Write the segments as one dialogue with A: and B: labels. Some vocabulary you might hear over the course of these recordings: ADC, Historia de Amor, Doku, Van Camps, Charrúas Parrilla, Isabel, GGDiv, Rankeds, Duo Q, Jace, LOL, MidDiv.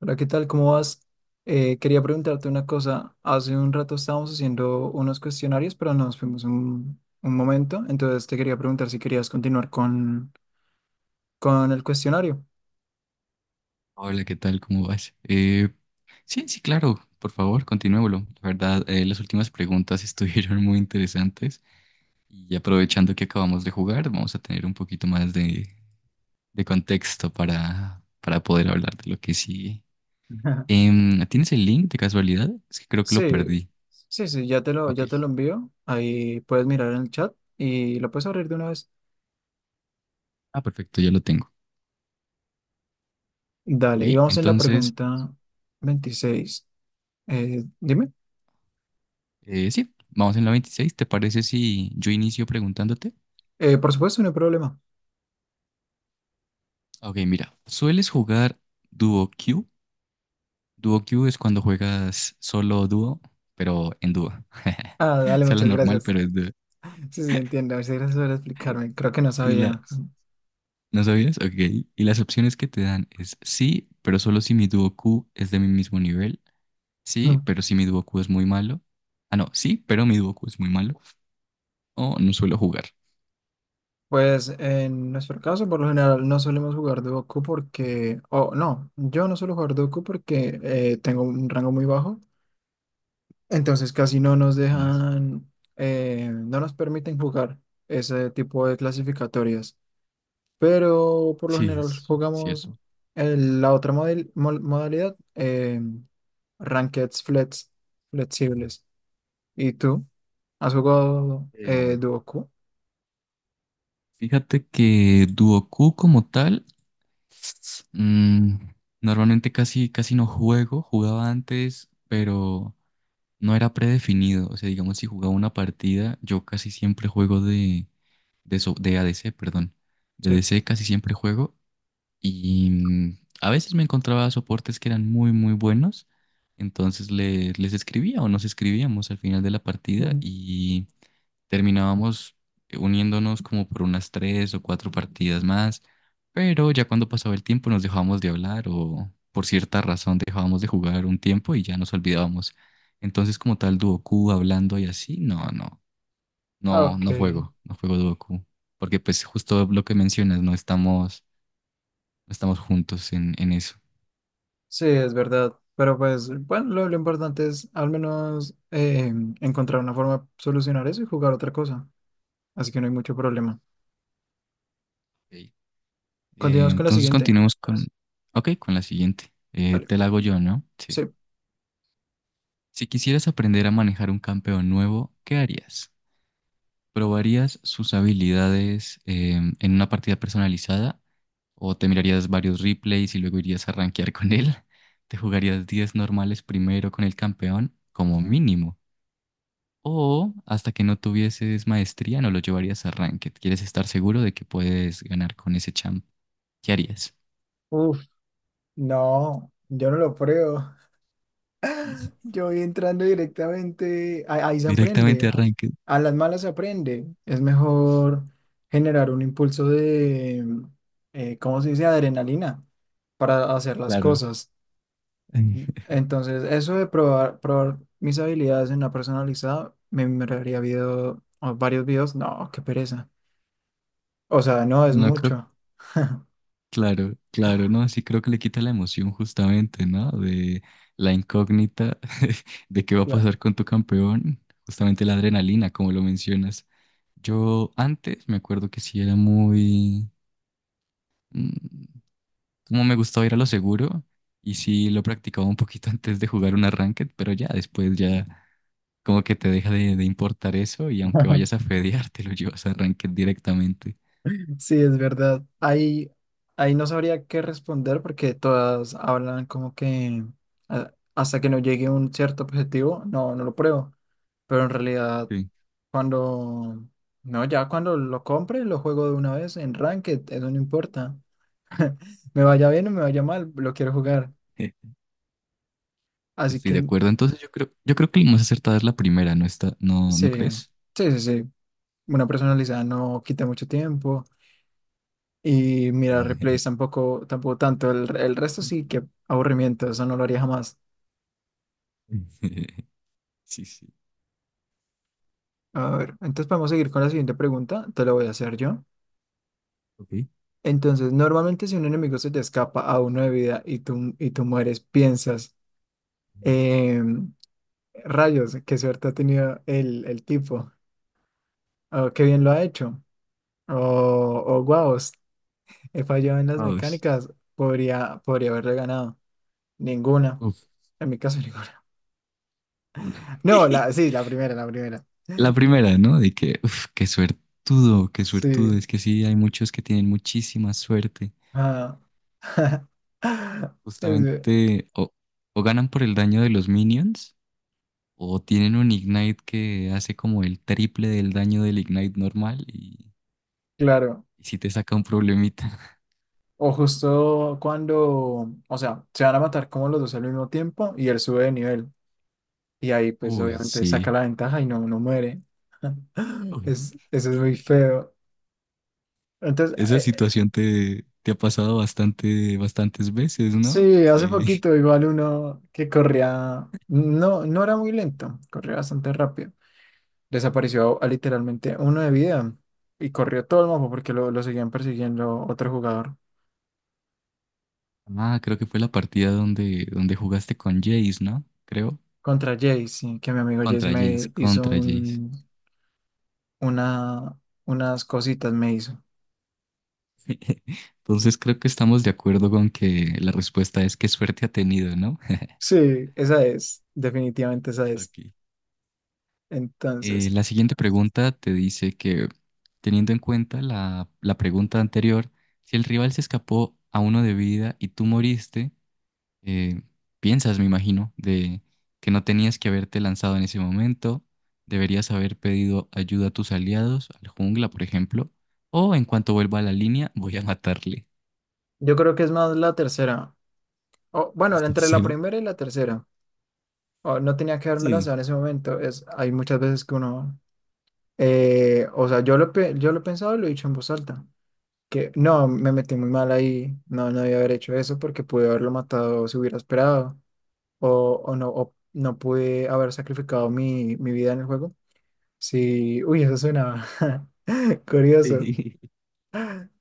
A: Hola, ¿qué tal? ¿Cómo vas? Quería preguntarte una cosa. Hace un rato estábamos haciendo unos cuestionarios, pero nos fuimos un momento. Entonces te quería preguntar si querías continuar con el cuestionario.
B: Hola, ¿qué tal? ¿Cómo vas? Sí, claro, por favor, continuémoslo. La verdad, las últimas preguntas estuvieron muy interesantes y aprovechando que acabamos de jugar, vamos a tener un poquito más de contexto para poder hablar de lo que sigue. ¿Tienes el link de casualidad? Es que creo que lo
A: Sí,
B: perdí.
A: sí, sí, ya te lo,
B: Ok.
A: ya te lo envío. Ahí puedes mirar en el chat y lo puedes abrir de una vez.
B: Ah, perfecto, ya lo tengo. Ok,
A: Dale, y vamos en la
B: entonces,
A: pregunta 26. Dime.
B: sí, vamos en la 26. ¿Te parece si yo inicio preguntándote?
A: Por supuesto, no hay problema.
B: Ok, mira, ¿sueles jugar Duo? Duo Q es cuando juegas solo o dúo, pero en dúo.
A: Ah,
B: O
A: dale,
B: sea, la
A: muchas
B: normal,
A: gracias.
B: pero es dúo.
A: Sí, sí, entiendo. Muchas gracias por explicarme. Creo que no
B: ¿Y
A: sabía.
B: las? ¿No sabías? Ok. Y las opciones que te dan es sí, pero solo si mi dúo Q es de mi mismo nivel. Sí, pero si mi dúo Q es muy malo. Ah, no, sí, pero mi dúo Q es muy malo. O no suelo jugar.
A: Pues en nuestro caso, por lo general, no solemos jugar Doku porque, o no, yo no suelo jugar Doku porque tengo un rango muy bajo, entonces casi no nos
B: Sí,
A: dejan, no nos permiten jugar ese tipo de clasificatorias. Pero por lo
B: sí,
A: general
B: es
A: jugamos
B: cierto.
A: la otra modalidad, Rankeds flex, flexibles. ¿Y tú? ¿Has jugado
B: Eh,
A: Doku?
B: fíjate que dúo Q como tal, mm, normalmente casi no juego. Jugaba antes, pero no era predefinido. O sea, digamos, si jugaba una partida, yo casi siempre juego de ADC, perdón. De
A: Sí.
B: ADC casi siempre juego y mm, a veces me encontraba soportes que eran muy, muy buenos. Entonces les escribía o nos escribíamos al final de la partida
A: Ujú.
B: y terminábamos uniéndonos como por unas tres o cuatro partidas más. Pero ya cuando pasaba el tiempo nos dejábamos de hablar o por cierta razón dejábamos de jugar un tiempo y ya nos olvidábamos. Entonces como tal Duoku hablando y así, no, no,
A: Ah,
B: no,
A: ok.
B: no juego, no juego Duoku. Porque pues justo lo que mencionas, no estamos. Estamos juntos en eso.
A: Sí, es verdad. Pero pues, bueno, lo importante es al menos encontrar una forma de solucionar eso y jugar otra cosa. Así que no hay mucho problema.
B: Ok.
A: Continuamos con la
B: Entonces
A: siguiente.
B: continuemos con, ok, con la siguiente.
A: Dale.
B: Te la hago yo, ¿no? Sí.
A: Sí.
B: Si quisieras aprender a manejar un campeón nuevo, ¿qué harías? ¿Probarías sus habilidades en una partida personalizada? ¿O te mirarías varios replays y luego irías a rankear con él? ¿Te jugarías 10 normales primero con el campeón, como mínimo? ¿O hasta que no tuvieses maestría no lo llevarías a ranked? ¿Quieres estar seguro de que puedes ganar con ese champ? ¿Qué harías?
A: Uf, no, yo no lo pruebo. Yo voy entrando directamente, ahí se
B: Directamente
A: aprende,
B: arranque,
A: a las malas se aprende. Es mejor generar un impulso de, ¿cómo se dice? Adrenalina para hacer las
B: claro.
A: cosas. Entonces, eso de probar mis habilidades en la personalizada, me miraría video, o varios videos. No, qué pereza. O sea, no es
B: No creo,
A: mucho.
B: claro, claro, no, sí creo que le quita la emoción justamente, ¿no? De la incógnita de qué va a
A: Claro.
B: pasar con tu campeón, justamente la adrenalina, como lo mencionas. Yo antes me acuerdo que sí era muy, mm, como me gustaba ir a lo seguro y sí lo practicaba un poquito antes de jugar un ranked, pero ya después ya como que te deja de importar eso y aunque vayas a fedear, te lo llevas a ranked directamente.
A: Sí, es verdad. Ahí no sabría qué responder porque todas hablan como que hasta que no llegue a un cierto objetivo, no, no lo pruebo. Pero en realidad,
B: Sí.
A: cuando, no, ya cuando lo compre, lo juego de una vez en Ranked, eso no importa. Me vaya bien o me vaya mal, lo quiero jugar. Así
B: Estoy de
A: que
B: acuerdo. Entonces yo creo que la más acertada es la primera, ¿no está? ¿No,
A: sí,
B: no crees?
A: sí, sí, sí. Una personalizada no quita mucho tiempo. Y mirar replays tampoco, tampoco tanto. El resto sí, que aburrimiento, eso no lo haría jamás.
B: Sí, sí.
A: A ver, entonces podemos seguir con la siguiente pregunta, te la voy a hacer yo.
B: Ok.
A: Entonces, normalmente si un enemigo se te escapa a 1 de vida y tú mueres, piensas, em, rayos, qué suerte ha tenido el tipo, o qué bien lo ha hecho, o, o guau, he fallado en las
B: Vamos.
A: mecánicas, podría haberle ganado. Ninguna.
B: Uf.
A: En mi caso, ninguna. No, la, sí, la primera, la primera.
B: La primera, ¿no? De que, uf, qué suertudo, qué suertudo.
A: Sí.
B: Es que sí, hay muchos que tienen muchísima suerte.
A: Ah. Es- ve-
B: Justamente o ganan por el daño de los minions o tienen un ignite que hace como el triple del daño del ignite normal y,
A: claro.
B: y sí te saca un problemita.
A: O justo cuando, o sea, se van a matar como los dos al mismo tiempo y él sube de nivel. Y ahí, pues,
B: Uy,
A: obviamente
B: sí.
A: saca la ventaja y no muere.
B: Uy.
A: Es, eso es muy feo. Entonces,
B: Esa situación te, te ha pasado bastante, bastantes veces, ¿no?
A: sí, hace
B: Sí.
A: poquito igual uno que corría, no era muy lento, corría bastante rápido. Desapareció a literalmente 1 de vida y corrió todo el mapa porque lo seguían persiguiendo otro jugador
B: Ah, creo que fue la partida donde jugaste con Jace, ¿no? Creo.
A: contra Jace, sí, que mi amigo Jace
B: Contra Jace,
A: me hizo
B: contra Jace.
A: un, una, unas cositas, me hizo.
B: Entonces creo que estamos de acuerdo con que la respuesta es qué suerte ha tenido, ¿no?
A: Sí, esa es, definitivamente esa es.
B: Ok.
A: Entonces,
B: La siguiente pregunta te dice que, teniendo en cuenta la pregunta anterior, si el rival se escapó a uno de vida y tú moriste, eh, piensas, me imagino, de que no tenías que haberte lanzado en ese momento, deberías haber pedido ayuda a tus aliados, al jungla, por ejemplo, o en cuanto vuelva a la línea, voy a matarle.
A: yo creo que es más la tercera. O, bueno,
B: ¿Estás
A: entre la
B: seguro?
A: primera y la tercera. O, no tenía que haberme
B: Sí.
A: lanzado en ese momento. Es, hay muchas veces que uno... o sea, yo lo he pensado y lo he dicho en voz alta. Que no, me metí muy mal ahí. No debía haber hecho eso porque pude haberlo matado si hubiera esperado. O no pude haber sacrificado mi vida en el juego. Sí, uy, eso suena curioso.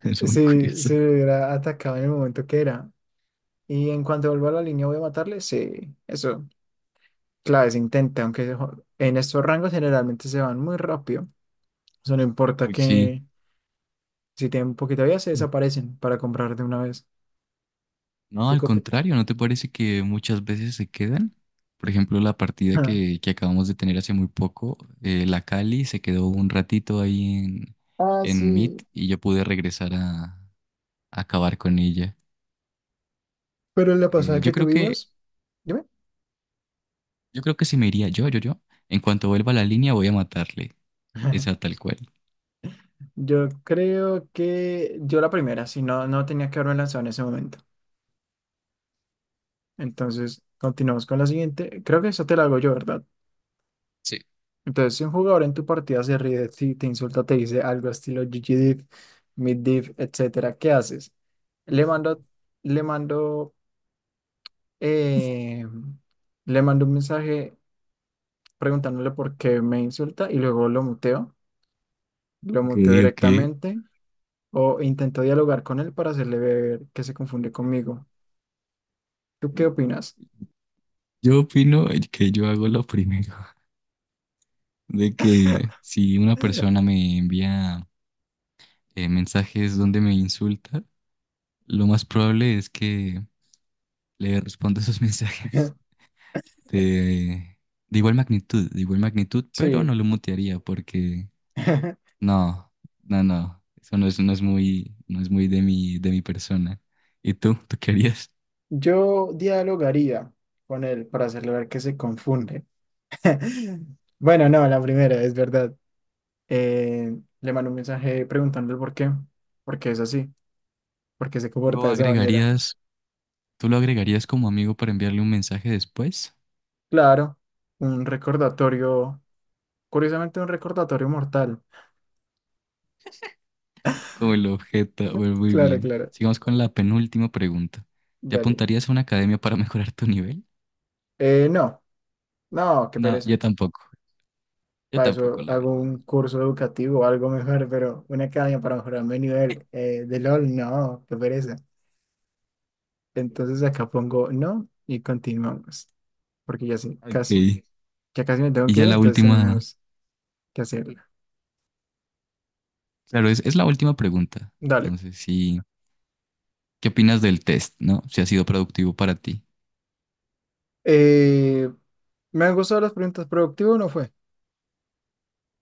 B: Es muy
A: Sí,
B: curioso.
A: sí me hubiera atacado en el momento que era. Y en cuanto vuelva a la línea, voy a matarle. Sí, eso. Claro, se intenta, aunque en estos rangos generalmente se van muy rápido. O sea, no importa
B: Uy, sí.
A: que si tienen poquita vida, se
B: Mm.
A: desaparecen para comprar de una vez.
B: No,
A: ¿Tú
B: al
A: qué opinas?
B: contrario, ¿no te parece que muchas veces se quedan? Por ejemplo, la partida que acabamos de tener hace muy poco, la Cali se quedó un ratito ahí en,
A: Ah,
B: en
A: sí.
B: Meet y yo pude regresar a, acabar con ella.
A: Pero la pasada
B: Eh,
A: que
B: yo creo que,
A: tuvimos, dime.
B: yo creo que si me iría yo, en cuanto vuelva a la línea voy a matarle. Esa tal cual.
A: Yo creo que yo la primera, si no, no tenía que haberme lanzado en ese momento. Entonces, continuamos con la siguiente. Creo que eso te la hago yo, ¿verdad?
B: Sí.
A: Entonces, si un jugador en tu partida se ríe de ti, te insulta, te dice algo estilo GGDiv, MidDiv, etcétera, ¿qué haces? Le mando, le mando, eh, le mando un mensaje preguntándole por qué me insulta y luego lo muteo. Lo
B: Ok,
A: muteo
B: ok.
A: directamente o intentó dialogar con él para hacerle ver que se confundió conmigo. ¿Tú qué opinas?
B: Yo opino que yo hago lo primero, de que si una persona me envía mensajes donde me insulta, lo más probable es que le responda esos mensajes de, de igual magnitud, pero no
A: Sí,
B: lo mutearía porque no, no, no. Eso no es, no es muy, no es muy de mi persona. ¿Y tú? ¿Tú qué harías?
A: yo dialogaría con él para hacerle ver que se confunde. Bueno, no, la primera, es verdad. Le mandó un mensaje preguntándole por qué es así, por qué se comporta
B: ¿Lo
A: de esa manera.
B: agregarías? ¿Tú lo agregarías como amigo para enviarle un mensaje después?
A: Claro, un recordatorio, curiosamente un recordatorio mortal.
B: Como el objeto. Bueno, muy
A: Claro,
B: bien.
A: claro,
B: Sigamos con la penúltima pregunta. ¿Te
A: dale.
B: apuntarías a una academia para mejorar tu nivel?
A: No, no, qué
B: No, yo
A: pereza.
B: tampoco. Yo
A: Para
B: tampoco,
A: eso
B: la
A: hago
B: verdad.
A: un curso educativo o algo mejor, pero una academia para mejorar mi nivel de LOL, no, qué pereza. Entonces acá pongo no y continuamos, porque ya sí,
B: Ok.
A: casi,
B: Y
A: ya casi me tengo que
B: ya
A: ir,
B: la
A: entonces
B: última.
A: tenemos que hacerla.
B: Claro, es la última pregunta.
A: Dale.
B: Entonces, sí. ¿Qué opinas del test, no? Si ha sido productivo para ti.
A: Eh, ¿Me han gustado las preguntas? ¿Productivo o no fue?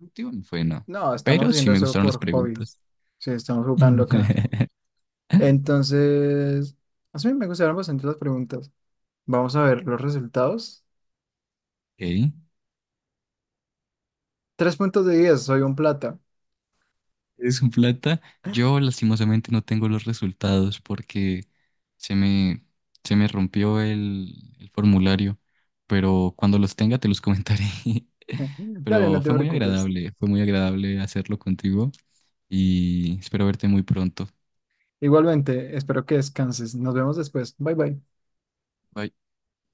B: Último no fue, no.
A: No, estamos
B: Pero sí
A: haciendo
B: me
A: eso
B: gustaron las
A: por hobby.
B: preguntas.
A: Sí, estamos jugando acá. Entonces, a mí me gustaron bastante las preguntas. Vamos a ver los resultados.
B: Ok.
A: 3 puntos de 10 soy un plata.
B: Es un plata. Yo lastimosamente no tengo los resultados porque se me, se me rompió el formulario. Pero cuando los tenga te los comentaré.
A: Dale,
B: Pero
A: no te preocupes.
B: fue muy agradable hacerlo contigo y espero verte muy pronto.
A: Igualmente, espero que descanses. Nos vemos después. Bye bye.
B: Bye.